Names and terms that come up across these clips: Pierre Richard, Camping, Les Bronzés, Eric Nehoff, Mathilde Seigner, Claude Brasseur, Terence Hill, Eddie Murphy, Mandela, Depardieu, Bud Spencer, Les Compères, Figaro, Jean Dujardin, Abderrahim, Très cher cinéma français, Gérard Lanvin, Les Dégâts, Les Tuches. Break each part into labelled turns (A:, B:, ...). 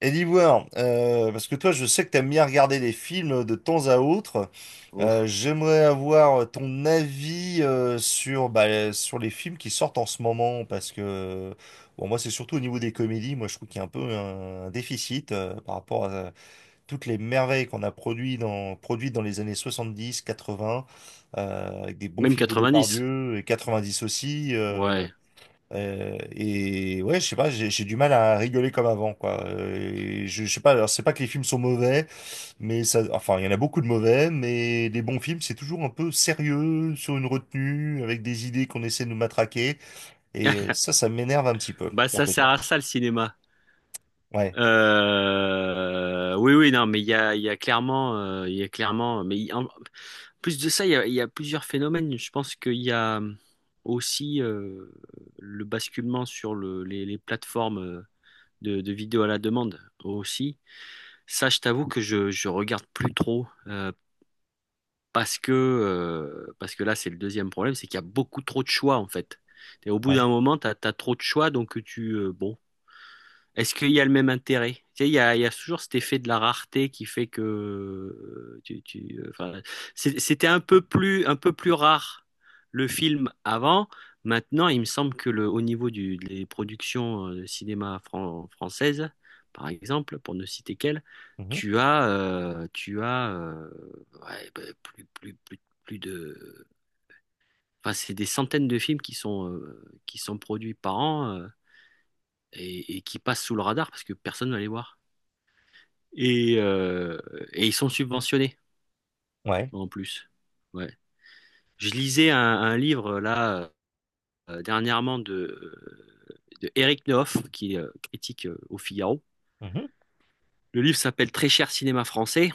A: Et d'Ivoire, parce que toi, je sais que t'aimes bien regarder des films de temps à autre.
B: Ouf.
A: J'aimerais avoir ton avis sur, sur les films qui sortent en ce moment, parce que bon, moi, c'est surtout au niveau des comédies. Moi, je trouve qu'il y a un peu un déficit par rapport à toutes les merveilles qu'on a produites dans les années 70, 80, avec des bons
B: Même
A: films de
B: 90.
A: Depardieu et 90 aussi.
B: Ouais.
A: Et ouais, je sais pas, j'ai du mal à rigoler comme avant, quoi. Et je sais pas, alors c'est pas que les films sont mauvais, mais ça, enfin, il y en a beaucoup de mauvais, mais les bons films, c'est toujours un peu sérieux, sur une retenue, avec des idées qu'on essaie de nous matraquer, et ça, ça m'énerve un petit peu,
B: Bah,
A: pour
B: ça
A: te dire.
B: sert à ça le cinéma.
A: Ouais,
B: Oui, oui, non, mais il y a, clairement, il y a clairement, en plus de ça, il y a, plusieurs phénomènes. Je pense qu'il y a aussi, le basculement sur les plateformes, de vidéos à la demande aussi. Ça, je t'avoue que je regarde plus trop. Parce que là, c'est le deuxième problème, c'est qu'il y a beaucoup trop de choix, en fait. Et au bout
A: ouais,
B: d'un moment, tu as, trop de choix, donc tu, bon, est-ce qu'il y a le même intérêt? Tu sais, il y a, toujours cet effet de la rareté qui fait que, enfin, c'était un peu plus rare le film avant. Maintenant, il me semble que au niveau des productions, de cinéma françaises, par exemple, pour ne citer qu'elles,
A: mhm,
B: tu as, ouais, bah, plus de, enfin, c'est des centaines de films qui sont produits par an, et qui passent sous le radar parce que personne ne va les voir. Et, euh, et ils sont subventionnés
A: ouais,
B: en plus. Ouais. Je lisais un livre là, dernièrement, de Eric Nehoff, qui est, critique, au Figaro.
A: mhm,
B: Le livre s'appelle Très cher cinéma français,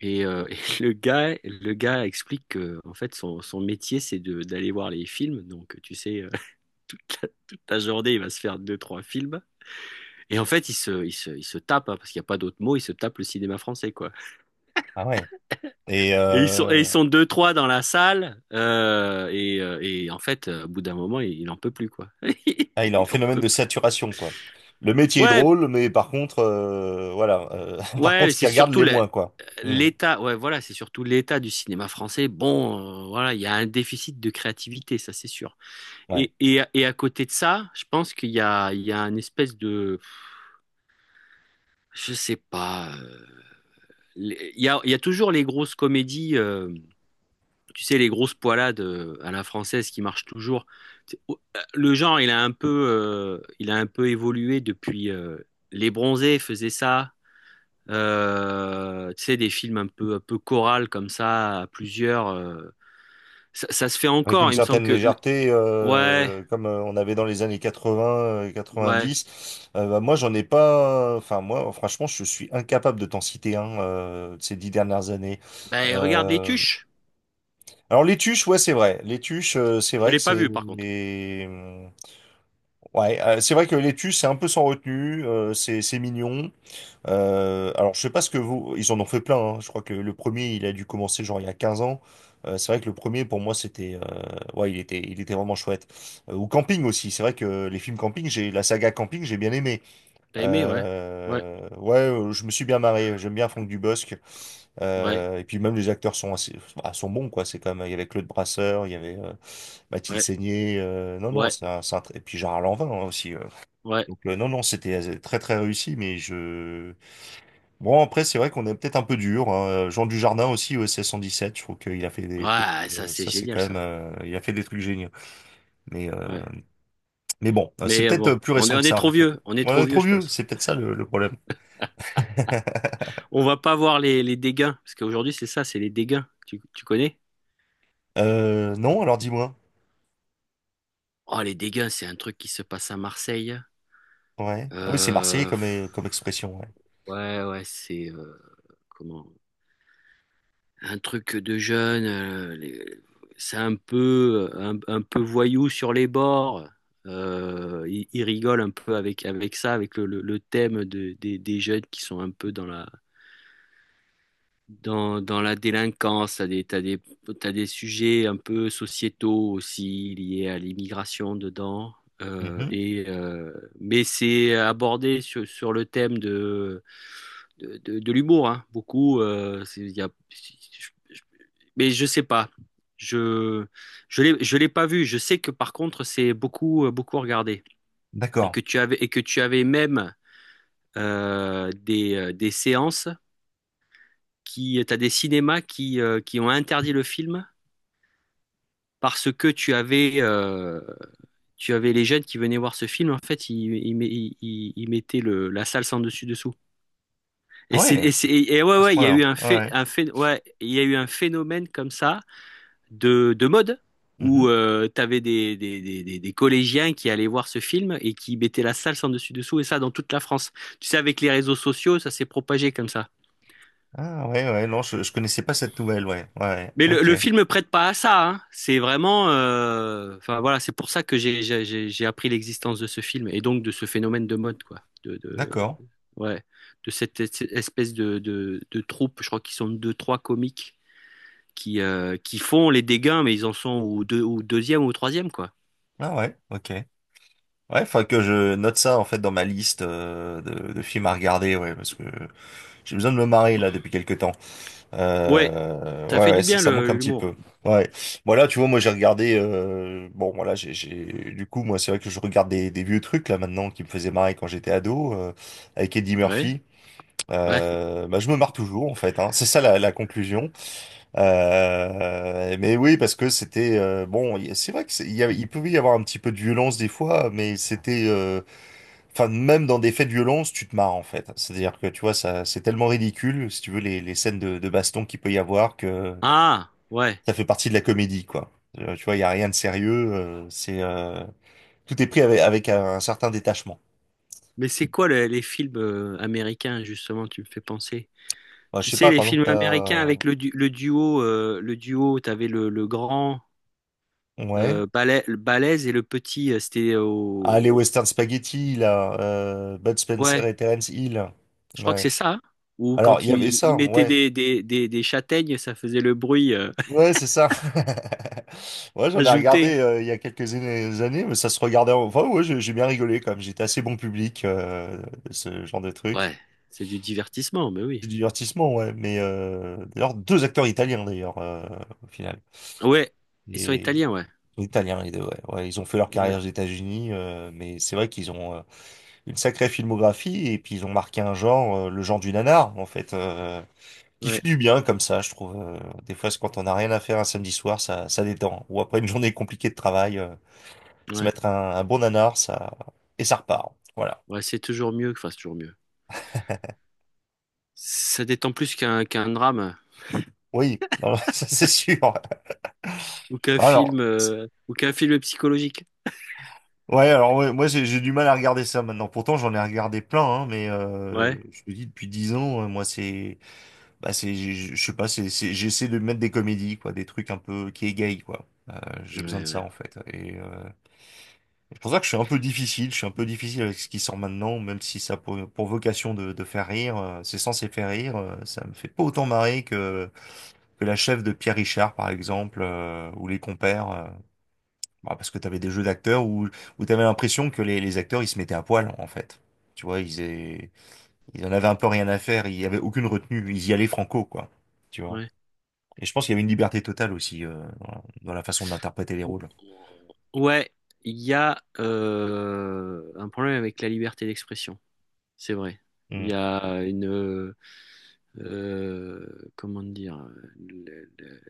B: et le gars explique que en fait son métier c'est de d'aller voir les films. Donc tu sais, toute la journée il va se faire deux trois films, et en fait il se tape, hein, parce qu'il n'y a pas d'autre mot, il se tape le cinéma français, quoi.
A: ah ouais. Et
B: Et ils sont, et ils sont deux, trois dans la salle. Et en fait, au bout d'un moment, il en peut plus, quoi.
A: ah, il est en
B: Il en
A: phénomène
B: peut
A: de
B: plus.
A: saturation, quoi. Le métier est
B: Ouais,
A: drôle, mais par contre, voilà, par
B: ouais,
A: contre,
B: mais
A: ce
B: c'est
A: qui regarde
B: surtout
A: les moins, quoi. Hmm,
B: l'état. Ouais, voilà, c'est surtout l'état du cinéma français. Bon, voilà, il y a un déficit de créativité, ça c'est sûr.
A: ouais.
B: Et à côté de ça, je pense qu'il y a, une espèce de, je sais pas. Il y a, toujours les grosses comédies. Tu sais, les grosses poilades, à la française qui marchent toujours. Le genre, il a un peu, il a un peu évolué depuis. Les Bronzés faisaient ça. Tu sais, des films un peu chorales comme ça, à plusieurs. Ça se fait
A: Avec
B: encore.
A: une
B: Il me semble
A: certaine
B: que.
A: légèreté,
B: Ouais,
A: comme on avait dans les années 80,
B: ouais.
A: 90. Bah, moi, j'en ai pas. Enfin, moi, franchement, je suis incapable de t'en citer un de ces 10 dernières années.
B: Ben, regarde Les
A: Euh,
B: Tuches.
A: Alors, les tuches, ouais, c'est vrai. Les tuches, c'est
B: Je
A: vrai
B: l'ai
A: que
B: pas
A: c'est.
B: vu, par contre.
A: Ouais, c'est vrai que l'étu, c'est un peu sans retenue, c'est mignon. Alors, je sais pas ce que vous... Ils en ont fait plein, hein. Je crois que le premier, il a dû commencer genre il y a 15 ans. C'est vrai que le premier, pour moi, c'était... Ouais, il était vraiment chouette. Ou Camping aussi, c'est vrai que les films Camping, j'ai la saga Camping, j'ai bien aimé.
B: T'as aimé, ouais. Ouais,
A: Ouais, je me suis bien marré. J'aime bien Franck Dubosc.
B: ouais,
A: Et puis même les acteurs sont assez, bah, sont bons quoi. C'est quand même il y avait Claude Brasseur, il y avait Mathilde
B: ouais,
A: Seigner. Non non,
B: ouais,
A: c'est un tr- et puis Gérard Lanvin hein, aussi.
B: ouais.
A: Donc non non, c'était très très réussi. Mais je Bon, après c'est vrai qu'on est peut-être un peu dur. Hein. Jean Dujardin aussi au SS 117 je trouve qu'il a fait des trucs.
B: Ouais, ça, c'est
A: Ça c'est
B: génial,
A: quand même,
B: ça.
A: il a fait des trucs géniaux. Mais euh,
B: Ouais.
A: mais bon, c'est
B: Mais,
A: peut-être
B: bon,
A: plus
B: on est,
A: récent
B: on
A: que
B: est
A: ça en
B: trop
A: fait.
B: vieux. On est
A: On
B: trop
A: est
B: vieux,
A: trop
B: je
A: vieux,
B: pense.
A: c'est peut-être ça le problème.
B: On va pas voir les dégâts, parce qu'aujourd'hui, c'est ça, c'est les dégâts. Tu connais?
A: Non, alors dis-moi.
B: Oh, les dégâts, c'est un truc qui se passe à Marseille.
A: Ouais. Ah oui, c'est marseillais comme,
B: Pff,
A: comme expression, ouais.
B: ouais, ouais, c'est, comment? Un truc de jeune. C'est un peu, un peu voyou sur les bords. Il rigole un peu avec ça, avec le thème des jeunes qui sont un peu dans la, Dans, dans la délinquance. T'as des sujets un peu sociétaux aussi liés à l'immigration dedans. Euh,
A: Mhm.
B: et, euh, mais c'est abordé sur le thème de l'humour, hein. Beaucoup. C'est- il y a- je- Mais je sais pas. Je je l'ai pas vu. Je sais que par contre c'est beaucoup, beaucoup regardé, et
A: D'accord.
B: que tu avais même, des séances qui, t'as des cinémas qui ont interdit le film parce que tu avais les jeunes qui venaient voir ce film. En fait, ils mettaient la salle sans dessus dessous.
A: Ah
B: Et c'est,
A: ouais,
B: et c'est- et ouais,
A: à ce
B: ouais, il y a eu
A: point-là. Ouais.
B: ouais, il y a eu un phénomène comme ça de mode,
A: Mhm.
B: où, t'avais des collégiens qui allaient voir ce film et qui mettaient la salle sans dessus dessous, et ça dans toute la France. Tu sais, avec les réseaux sociaux, ça s'est propagé comme ça.
A: Ah ouais, ouais, non, je connaissais pas cette nouvelle, ouais. Ouais, ouais.
B: Mais le,
A: OK.
B: le film ne prête pas à ça, hein. C'est vraiment, enfin voilà, c'est pour ça que j'ai appris l'existence de ce film, et donc de ce phénomène de mode, quoi. De
A: D'accord.
B: ouais, de cette espèce de troupe. Je crois qu'ils sont deux, trois comiques qui, qui font les dégâts, mais ils en sont au deux, au deuxième ou au troisième, quoi.
A: Ah ouais, OK. Ouais, faut que je note ça en fait dans ma liste de films à regarder, ouais, parce que j'ai besoin de me marrer là depuis quelques temps.
B: Ouais, ça fait
A: Ouais, ouais,
B: du
A: ça,
B: bien
A: ça manque un petit
B: l'humour.
A: peu. Ouais. Voilà, tu vois, moi j'ai regardé. Bon, voilà, j'ai. Du coup, moi, c'est vrai que je regarde des vieux trucs là maintenant qui me faisaient marrer quand j'étais ado avec Eddie
B: Ouais,
A: Murphy.
B: ouais.
A: Bah, je me marre toujours en fait. Hein. C'est ça la, la conclusion. Mais oui, parce que c'était bon. Y- C'est vrai que c'est- il y a- il pouvait y avoir un petit peu de violence des fois, mais c'était. Enfin, même dans des faits de violence, tu te marres en fait. C'est-à-dire que tu vois, ça, c'est tellement ridicule, si tu veux, les scènes de baston qu'il peut y avoir, que
B: Ah, ouais.
A: ça fait partie de la comédie, quoi. Tu vois, il y a rien de sérieux. C'est tout est pris avec, avec un certain détachement.
B: Mais c'est quoi les films, américains justement? Tu me fais penser.
A: Bah, je
B: Tu
A: sais
B: sais,
A: pas,
B: les
A: par exemple,
B: films américains
A: t'as
B: avec le duo, t'avais le grand,
A: ouais,
B: le balèze et le petit, c'était
A: ah les
B: au...
A: Western Spaghetti là, Bud Spencer
B: Ouais,
A: et Terence Hill.
B: je crois que
A: Ouais.
B: c'est ça, hein. Ou
A: Alors
B: quand
A: il y avait
B: ils il
A: ça,
B: mettaient
A: ouais.
B: des châtaignes, ça faisait le bruit,
A: Ouais, c'est ça. Ouais, j'en ai
B: ajouté.
A: regardé il y a quelques années, mais ça se regardait. En- Enfin, ouais, j'ai bien rigolé quand même. J'étais assez bon public, ce genre de truc.
B: Ouais, c'est du divertissement, mais
A: C'est
B: oui.
A: du divertissement, ouais. Mais d'ailleurs, deux acteurs italiens, d'ailleurs, au final.
B: Ouais, ils sont
A: Et
B: italiens, ouais.
A: italiens, les deux, ouais. Ouais, ils ont fait leur
B: Ouais,
A: carrière aux États-Unis, mais c'est vrai qu'ils ont une sacrée filmographie et puis ils ont marqué un genre, le genre du nanar, en fait. Qui fait
B: ouais,
A: du bien comme ça, je trouve. Des fois, c'est quand on n'a rien à faire un samedi soir, ça détend. Ou après une journée compliquée de travail, se
B: ouais.
A: mettre un bon nanar, ça et ça repart. Voilà.
B: Ouais, c'est toujours mieux, enfin, c'est toujours mieux. Ça détend plus qu'un drame,
A: Oui, non, ça c'est sûr. Bah, Alors, c-
B: ou qu'un film psychologique.
A: ouais, alors ouais, moi j'ai du mal à regarder ça maintenant. Pourtant, j'en ai regardé plein, hein, mais
B: Ouais,
A: je te dis depuis 10 ans, moi c'est, bah c'est, je sais pas, c'est- j'essaie de mettre des comédies, quoi, des trucs un peu qui égayent, quoi.
B: ouais,
A: J'ai besoin de ça
B: ouais.
A: en fait. Et c'est pour ça que je suis un peu difficile, je suis un peu difficile avec ce qui sort maintenant, même si ça a pour vocation de faire rire, c'est censé faire rire, ça me fait pas autant marrer que la chef de Pierre Richard, par exemple, ou les compères, bah, parce que t'avais des jeux d'acteurs où, où t'avais l'impression que les acteurs, ils se mettaient à poil, en fait. Tu vois, ils, aient- ils en avaient un peu rien à faire, il y avait aucune retenue, ils y allaient franco, quoi. Tu vois.
B: Ouais.
A: Et je pense qu'il y avait une liberté totale aussi, dans la façon d'interpréter les
B: Ou-
A: rôles.
B: Ouais, il y a, un problème avec la liberté d'expression, c'est vrai. Il
A: Mm.
B: y a une, euh, comment dire, le- le-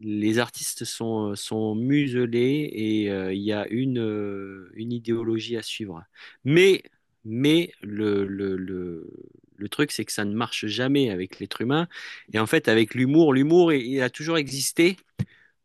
B: les artistes sont muselés, et, il y a une, une idéologie à suivre. Mais mais le truc c'est que ça ne marche jamais avec l'être humain, et en fait avec l'humour, l'humour il a toujours existé,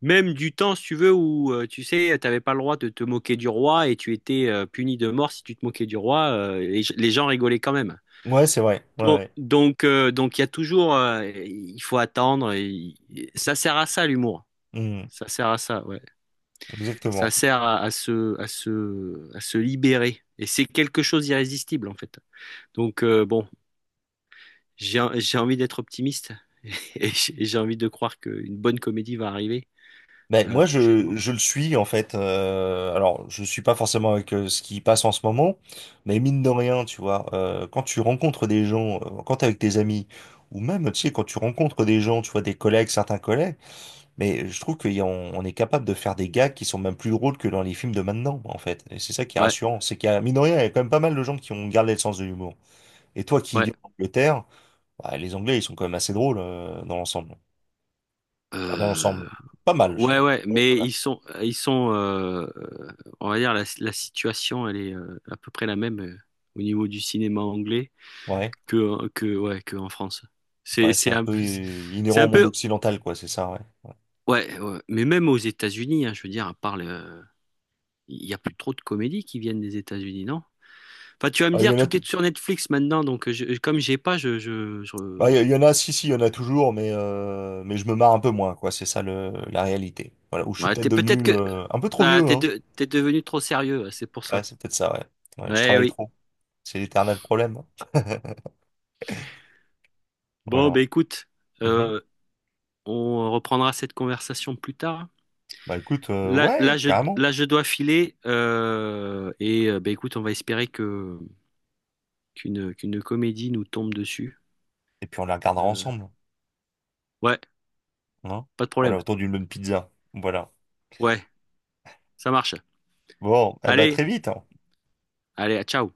B: même du temps, si tu veux, où, tu sais, t'avais pas le droit de te moquer du roi, et tu étais, puni de mort si tu te moquais du roi. Les gens rigolaient quand même.
A: Ouais, c'est vrai, ouais,
B: Bon.
A: ouais.
B: Donc il y a toujours, il faut attendre. Ça sert à ça l'humour.
A: Mm.
B: Ça sert à ça, ouais. Ça
A: Exactement.
B: sert à, à se libérer. Et c'est quelque chose d'irrésistible en fait. Donc, bon, j'ai envie d'être optimiste, et j'ai envie de croire qu'une bonne comédie va arriver,
A: Ben, moi,
B: prochainement.
A: je le suis en fait. Alors, je suis pas forcément avec ce qui passe en ce moment, mais mine de rien, tu vois, quand tu rencontres des gens, quand t'es avec tes amis, ou même, tu sais, quand tu rencontres des gens, tu vois, des collègues, certains collègues, mais je trouve qu'on est capable de faire des gags qui sont même plus drôles que dans les films de maintenant, en fait. Et c'est ça qui est
B: Ouais,
A: rassurant, c'est qu'il y a, mine de rien, il y a quand même pas mal de gens qui ont gardé le sens de l'humour. Et toi qui
B: ouais.
A: vis en Angleterre, bah, les Anglais, ils sont quand même assez drôles dans l'ensemble. Enfin, dans
B: Euh,
A: l'ensemble, pas mal, je
B: ouais,
A: crois.
B: ouais,
A: Ouais,
B: mais
A: quand même.
B: on va dire la situation, elle est, à peu près la même, au niveau du cinéma anglais
A: Ouais.
B: que ouais, que en France. C'est
A: Ouais, c'est
B: c'est
A: un
B: un
A: peu
B: peu, c'est
A: inhérent au
B: un
A: monde
B: peu,
A: occidental, quoi, c'est ça, ouais. Ouais.
B: ouais, ouais. Mais même aux États-Unis, hein, je veux dire, à part il y a plus trop de comédies qui viennent des États-Unis, non? Enfin, tu vas me
A: Ah, il y
B: dire,
A: en a,
B: tout
A: tou-
B: est sur Netflix maintenant, donc je, comme j'ai pas, je...
A: ah, il y en a, si, si, il y en a toujours, mais je me marre un peu moins, quoi, c'est ça le, la réalité. Voilà, où je suis
B: Ouais,
A: peut-être
B: t'es peut-être
A: devenu
B: que,
A: un peu trop
B: voilà,
A: vieux, hein.
B: t'es devenu trop sérieux, ouais, c'est pour
A: Ouais,
B: ça.
A: c'est peut-être ça, ouais. Ouais, je
B: Ouais,
A: travaille
B: oui.
A: trop. C'est l'éternel problème. Hein.
B: Bon, ben
A: Voilà.
B: écoute,
A: Mhm.
B: euh, on reprendra cette conversation plus tard.
A: Bah écoute,
B: Là, là,
A: ouais,
B: je,
A: carrément.
B: Là, je dois filer. Bah écoute, on va espérer que qu'une qu'une comédie nous tombe dessus.
A: Et puis on la regardera
B: Euh,
A: ensemble,
B: ouais,
A: hein.
B: pas de
A: Voilà,
B: problème.
A: autour d'une bonne pizza. Voilà.
B: Ouais, ça marche.
A: Bon, eh bah
B: Allez,
A: très vite.
B: allez, à ciao.